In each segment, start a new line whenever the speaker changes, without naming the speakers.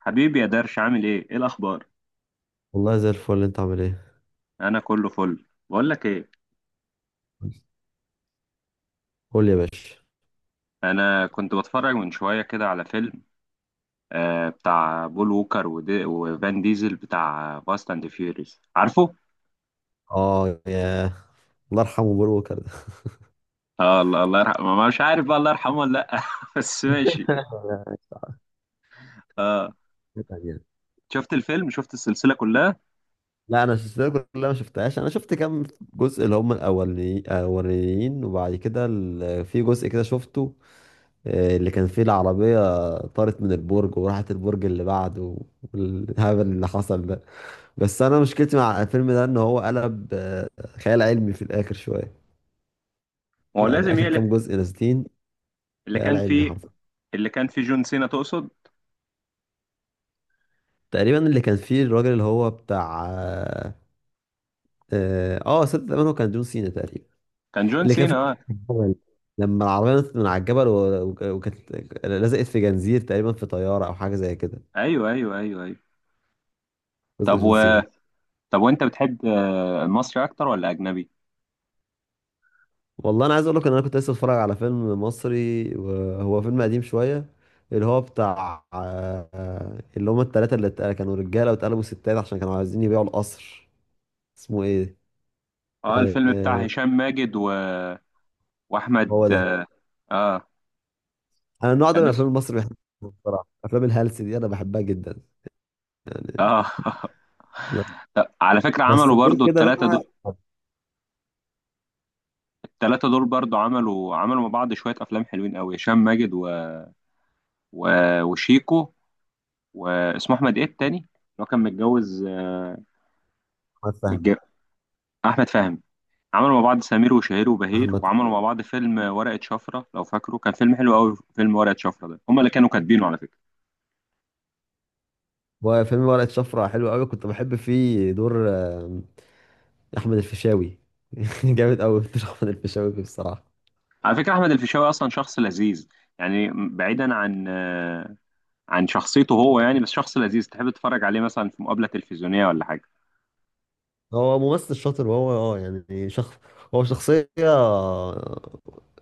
حبيبي يا درش، عامل ايه؟ ايه الاخبار؟
والله زي الفل، انت عامل ايه؟
انا كله فل. بقول لك ايه؟
قول لي يا باشا.
انا كنت بتفرج من شويه كده على فيلم بتاع بول ووكر ودي وفان ديزل بتاع فاست اند فيوريز، عارفه؟
اه، ياه، الله يرحمه بول ووكر ده.
آه، الله يرحمه، مش عارف بقى الله يرحمه ولا لا، بس ماشي. اه.
يعني.
شفت الفيلم، شفت السلسله كلها؟
لا، انا السلسله كلها ما شفتهاش، انا شفت كام جزء اللي هم الاولين، وبعد كده في جزء كده شفته. اللي كان فيه العربيه طارت من البرج وراحت البرج اللي بعده، والهبل اللي حصل ده. بس انا مشكلتي مع الفيلم ده ان هو قلب خيال علمي في الاخر شويه.
ما هو
يعني
لازم
اخر
يقلب.
كام جزء نازلين
اللي
خيال
كان
علمي
فيه
حرفيا.
اللي كان فيه جون سينا، تقصد؟
تقريبا اللي كان فيه الراجل اللي هو بتاع، صدق تقريبا هو كان جون سينا تقريبا.
كان جون
اللي كان
سينا،
فيه
اه.
الجبل. لما العربية نطت من على الجبل وكانت لزقت في جنزير تقريبا في طيارة أو حاجة زي كده،
ايوه، ايوه، ايوه، ايوه.
جزء
طب
جون سينا
و...
ده.
طب وانت بتحب المصري اكتر ولا اجنبي؟
والله أنا عايز أقول لك إن أنا كنت لسه بتفرج على فيلم مصري، وهو فيلم قديم شوية، اللي هو بتاع، اللي هما التلاتة كانوا رجالة واتقلبوا ستات عشان كانوا عايزين يبيعوا القصر. اسمه إيه؟
اه،
آه،
الفيلم بتاع
آه،
هشام ماجد
هو
واحمد،
ده.
آه،
انا النوع ده من
كان اسمه،
الافلام المصري بحبه. بصراحه افلام الهلس دي انا بحبها جدا يعني.
اه
ب-
لا، على فكره
بس
عملوا
غير
برضو
كده بقى.
الثلاثه دول برضو عملوا مع بعض شويه افلام حلوين قوي، هشام ماجد و... وشيكو. واسمه احمد ايه التاني اللي هو كان متجوز،
احمد فهمي.
متج- احمد فهمي. عملوا مع بعض سمير وشهير وبهير،
احمد
وعملوا مع بعض فيلم ورقه شفره، لو فاكره، كان فيلم حلو قوي. فيلم ورقه شفره ده هم اللي كانوا كاتبينه، على فكره.
وفيلم ورقه شفره حلو قوي، كنت بحب فيه دور، احمد الفيشاوي. جامد قوي دور احمد الفيشاوي فيه بصراحه.
على فكره، احمد الفيشاوي اصلا شخص لذيذ. يعني بعيدا عن شخصيته هو، يعني بس شخص لذيذ تحب تتفرج عليه، مثلا في مقابلة تلفزيونية ولا حاجة.
هو ممثل شاطر، وهو يعني هو شخصيه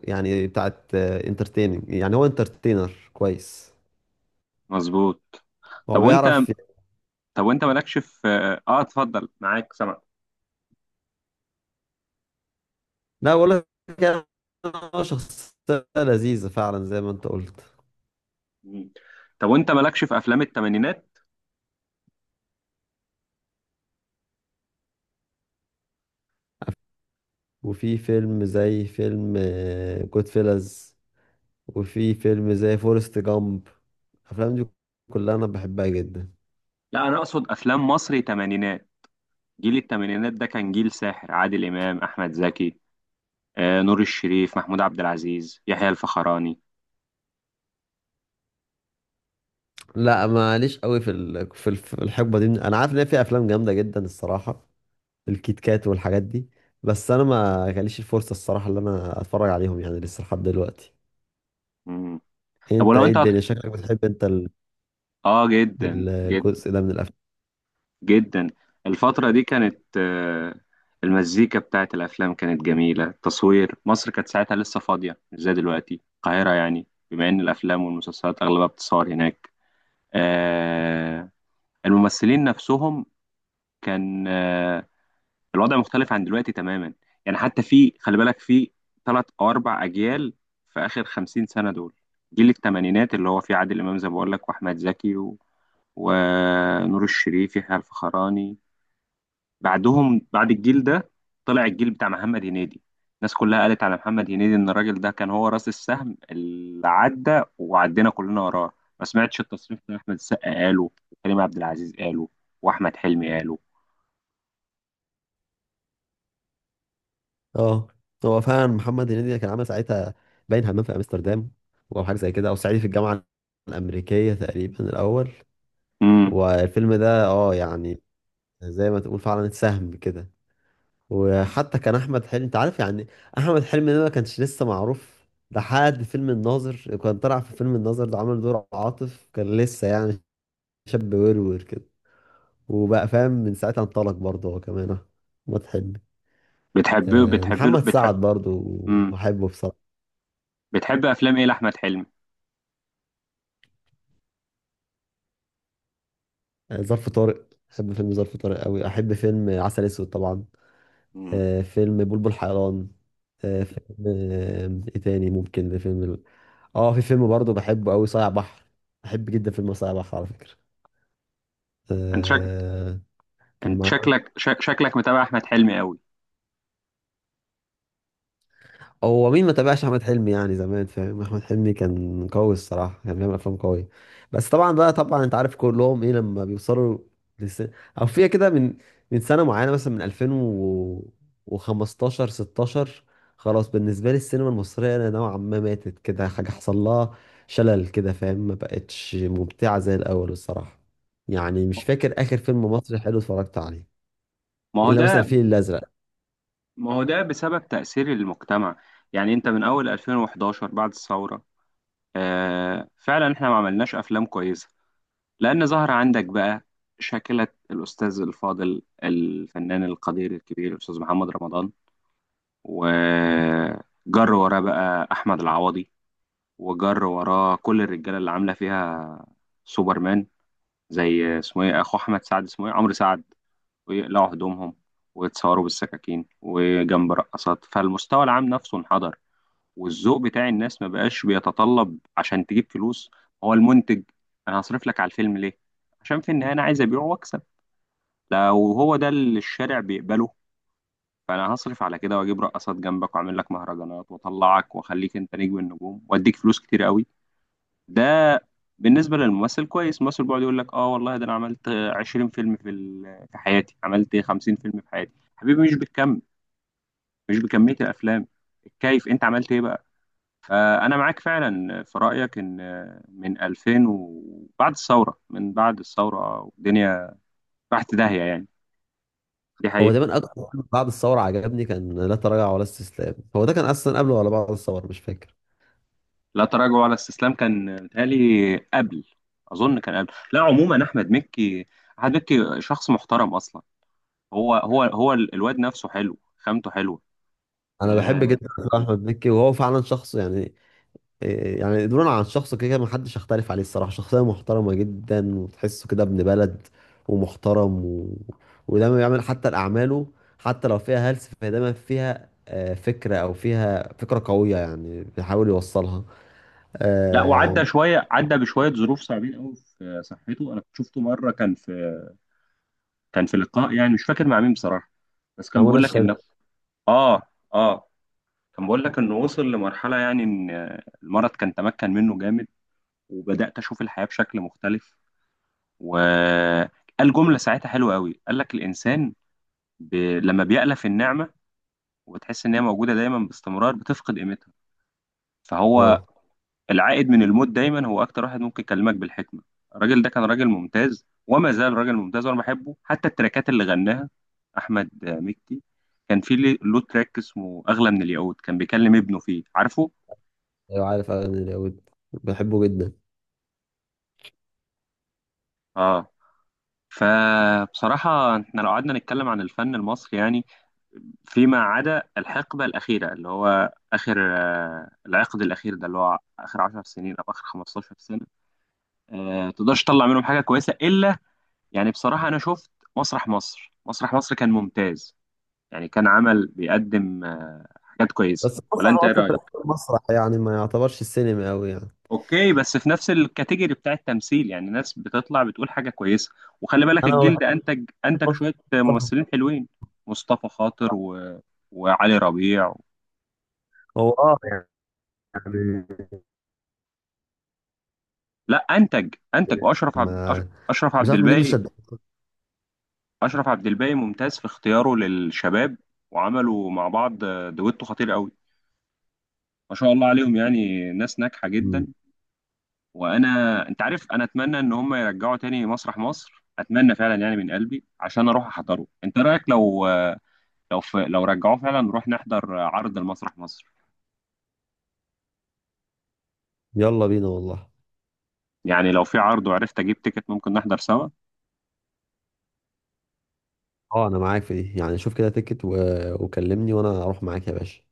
يعني بتاعت انترتيننج، يعني هو انترتينر كويس.
مظبوط.
هو
طب وانت
بيعرف.
طب وانت مالكش في، اتفضل معاك سمع.
لا، بقول لك يعني، هو شخصيه لذيذه فعلا زي ما انت قلت.
مم. طب وانت مالكش في افلام الثمانينات؟
وفي فيلم زي فيلم جود فيلز، وفي فيلم زي فورست جامب، الافلام دي كلها انا بحبها جدا.
لا، انا اقصد افلام مصري ثمانينات. جيل الثمانينات ده كان جيل ساحر، عادل امام، احمد زكي، نور الشريف، محمود عبد العزيز، يحيى الفخراني.
لا، ماليش قوي في الحقبه دي. انا عارف ان هي في افلام جامده جدا الصراحه، الكيت كات والحاجات دي، بس انا ما جاليش الفرصه الصراحه اللي انا اتفرج عليهم يعني لسه لحد دلوقتي.
مم. طب
انت
ولو
ايه؟
انت
الدنيا شكلك بتحب انت
اه، جدا جدا
الجزء ده من الافلام.
جدا. الفترة دي كانت، المزيكا بتاعت الأفلام كانت جميلة، التصوير، مصر كانت ساعتها لسه فاضية مش زي دلوقتي. القاهرة يعني، بما إن الأفلام والمسلسلات أغلبها بتصور هناك. آه، الممثلين نفسهم كان، الوضع مختلف عن دلوقتي تماما. يعني حتى في، خلي بالك، في ثلاث أو أربع أجيال في آخر 50 سنة دول. جيل الثمانينات اللي هو فيه عادل إمام زي ما بقول لك، وأحمد زكي ونور الشريف، يحيى الفخراني. بعد الجيل ده طلع الجيل بتاع محمد هنيدي. الناس كلها قالت على محمد هنيدي ان الراجل ده كان هو راس السهم اللي عدى، وعدينا كلنا وراه. ما سمعتش التصريح ده؟ احمد السقا قاله، وكريم عبد العزيز قاله، واحمد حلمي قاله.
اه، هو فعلا محمد هنيدي كان عامل ساعتها، باين همام في امستردام او حاجه زي كده، او صعيدي في الجامعه الامريكيه تقريبا الاول.
امم.
والفيلم ده يعني زي ما تقول فعلا اتسهم كده. وحتى كان احمد حلمي، انت عارف يعني احمد حلمي ده ما كانش لسه معروف لحد فيلم الناظر. كان طلع في فيلم الناظر ده عامل دور عاطف، كان لسه يعني شاب ورور كده، وبقى فاهم من ساعتها انطلق برضه هو كمان، احمد حلمي. محمد
بتحب.
سعد برضه
امم.
بحبه بصراحه.
بتحب افلام ايه لاحمد حلمي؟
ظرف طارق، احب فيلم ظرف طارق قوي، احب فيلم عسل اسود طبعا،
امم.
فيلم بلبل حيران، آه، فيلم آه، ايه تاني ممكن؟ فيلم ال- اه في فيلم برضه بحبه قوي، صايع بحر. بحب جدا فيلم صايع بحر على فكرة.
انت شك...
آه، كان
انت
مع.
شكلك شك... شكلك متابع احمد حلمي قوي.
هو مين ما تابعش احمد حلمي يعني؟ زمان فاهم احمد حلمي كان قوي الصراحه، كان بيعمل افلام قويه. بس طبعا بقى، انت عارف كلهم ايه لما بيوصلوا لس... او فيها كده من سنه معينه، مثلا من 2015 16، خلاص بالنسبه لي السينما المصريه انا نوعا ما ماتت، كده حاجه حصل لها شلل كده فاهم، ما بقتش ممتعه زي الاول الصراحه. يعني مش فاكر اخر فيلم مصري حلو اتفرجت عليه
ما هو
الا مثلا
ده
الفيل الازرق.
ما هو ده بسبب تأثير المجتمع. يعني انت من اول 2011 بعد الثورة. آه، فعلا احنا ما عملناش افلام كويسه. لان ظهر عندك بقى شاكله الاستاذ الفاضل الفنان القدير الكبير الاستاذ محمد رمضان. وجر وراه بقى احمد العوضي، وجر وراه كل الرجاله اللي عامله فيها سوبرمان. زي اسمه ايه، اخو احمد سعد اسمه ايه، عمرو سعد. ويقلعوا هدومهم ويتصوروا بالسكاكين وجنب رقصات، فالمستوى العام نفسه انحدر. والذوق بتاع الناس ما بقاش بيتطلب. عشان تجيب فلوس، هو المنتج. انا هصرف لك على الفيلم ليه؟ عشان في النهايه انا عايز ابيعه واكسب. لو هو ده اللي الشارع بيقبله، فانا هصرف على كده، واجيب رقصات جنبك، واعمل لك مهرجانات، واطلعك، واخليك انت نجم النجوم، واديك فلوس كتير قوي. ده بالنسبه للممثل كويس. الممثل بيقعد يقول لك، اه والله ده انا عملت 20 فيلم في حياتي، عملت 50 فيلم في حياتي. حبيبي، مش بالكم، مش بكميه الافلام، الكيف، انت عملت ايه بقى؟ فأنا معاك فعلا في رأيك، إن من 2000 وبعد الثورة، من بعد الثورة والدنيا راحت داهية يعني. دي
هو
حقيقة.
دايما اكتر فيلم بعد الثوره عجبني كان لا تراجع ولا استسلام. هو ده كان اصلا قبله ولا بعد الثوره؟ مش فاكر.
لا تراجع ولا استسلام كان متهيألي قبل. أظن كان قبل. لا، عموما أحمد مكي، أحمد مكي شخص محترم أصلا. هو الواد نفسه حلو، خامته حلوة.
انا بحب
آه.
جدا أفلام احمد مكي، وهو فعلا شخص يعني إيه يعني؟ دون عن شخصه، كده كده محدش يختلف عليه الصراحه. شخصيه محترمه جدا، وتحسه كده ابن بلد، ومحترم، ودايما بيعمل حتى الاعماله حتى لو فيها هلس، فهي دايما فيها فكره، او فيها فكره قويه يعني بيحاول يوصلها.
لا،
آه،
وعدى شوية، عدى بشوية ظروف صعبين قوي في صحته. أنا كنت شفته مرة، كان في لقاء، يعني مش فاكر مع مين بصراحة. بس كان
منى
بيقول لك
الشاذلي.
إن، اه اه كان بقول لك انه وصل لمرحلة، يعني ان المرض كان تمكن منه جامد، وبدأت اشوف الحياة بشكل مختلف. وقال جملة ساعتها حلوة قوي، قال لك، الانسان لما بيألف النعمة وتحس ان هي موجودة دايما باستمرار، بتفقد قيمتها. فهو
اه،
العائد من الموت دايما هو اكتر واحد ممكن يكلمك بالحكمة. الراجل ده كان راجل ممتاز وما زال راجل ممتاز، وانا بحبه حتى التراكات اللي غناها احمد مكي. كان في له تراك اسمه اغلى من الياقوت، كان بيكلم ابنه فيه، عارفه؟
ايوه عارف، أنا اليهود بحبه جدا.
اه. فبصراحة، احنا لو قعدنا نتكلم عن الفن المصري، يعني فيما عدا الحقبة الأخيرة اللي هو آخر، العقد الأخير ده اللي هو آخر 10 سنين أو آخر 15 سنة، تقدرش تطلع منهم حاجة كويسة إلا، يعني بصراحة أنا شفت مسرح مصر. مسرح مصر كان ممتاز. يعني كان بيقدم حاجات كويسة،
بس
ولا أنت
المسرح
إيه
مصر في
رأيك؟
الأول مسرح، يعني ما يعتبرش السينما أوي يعني.
اوكي، بس في نفس الكاتيجوري بتاع التمثيل، يعني ناس بتطلع بتقول حاجه كويسه. وخلي بالك
أنا ما
الجيل
بحبش
ده انتج شويه
المسرح.
ممثلين حلوين. مصطفى خاطر وعلي ربيع
هو يعني
لا، انتج،
ما
اشرف
مش
عبد
عارف ليه، مش
الباقي
شد.
اشرف عبد الباقي ممتاز في اختياره للشباب. وعملوا مع بعض دويتو خطير قوي، ما شاء الله عليهم، يعني ناس ناجحه جدا.
مم.
وانا انت عارف، انا اتمنى ان هم يرجعوا تاني مسرح مصر، اتمنى فعلا يعني من قلبي عشان اروح احضره. انت رايك، لو، لو في لو رجعوه فعلا، نروح نحضر عرض المسرح مصر؟
يلا بينا والله.
يعني لو في عرض وعرفت اجيب تيكت، ممكن نحضر سوا.
أه، أنا معاك في دي، يعني شوف كده تيكت وكلمني وأنا أروح معاك يا باشا.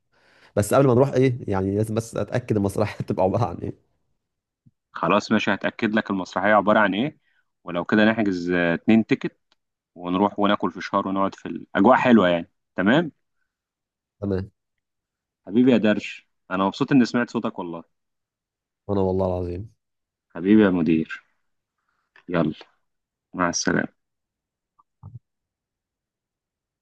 بس قبل ما نروح إيه، يعني لازم بس أتأكد المسرحية تبقى عبارة عن إيه.
خلاص ماشي، هتأكد لك المسرحية عبارة عن ايه، ولو كده نحجز 2 تيكت، ونروح وناكل فشار ونقعد في الأجواء حلوة يعني. تمام.
تمام.
حبيبي يا درش، أنا مبسوط إني سمعت صوتك والله.
وأنا والله العظيم.
حبيبي يا مدير، يلا، مع السلامة.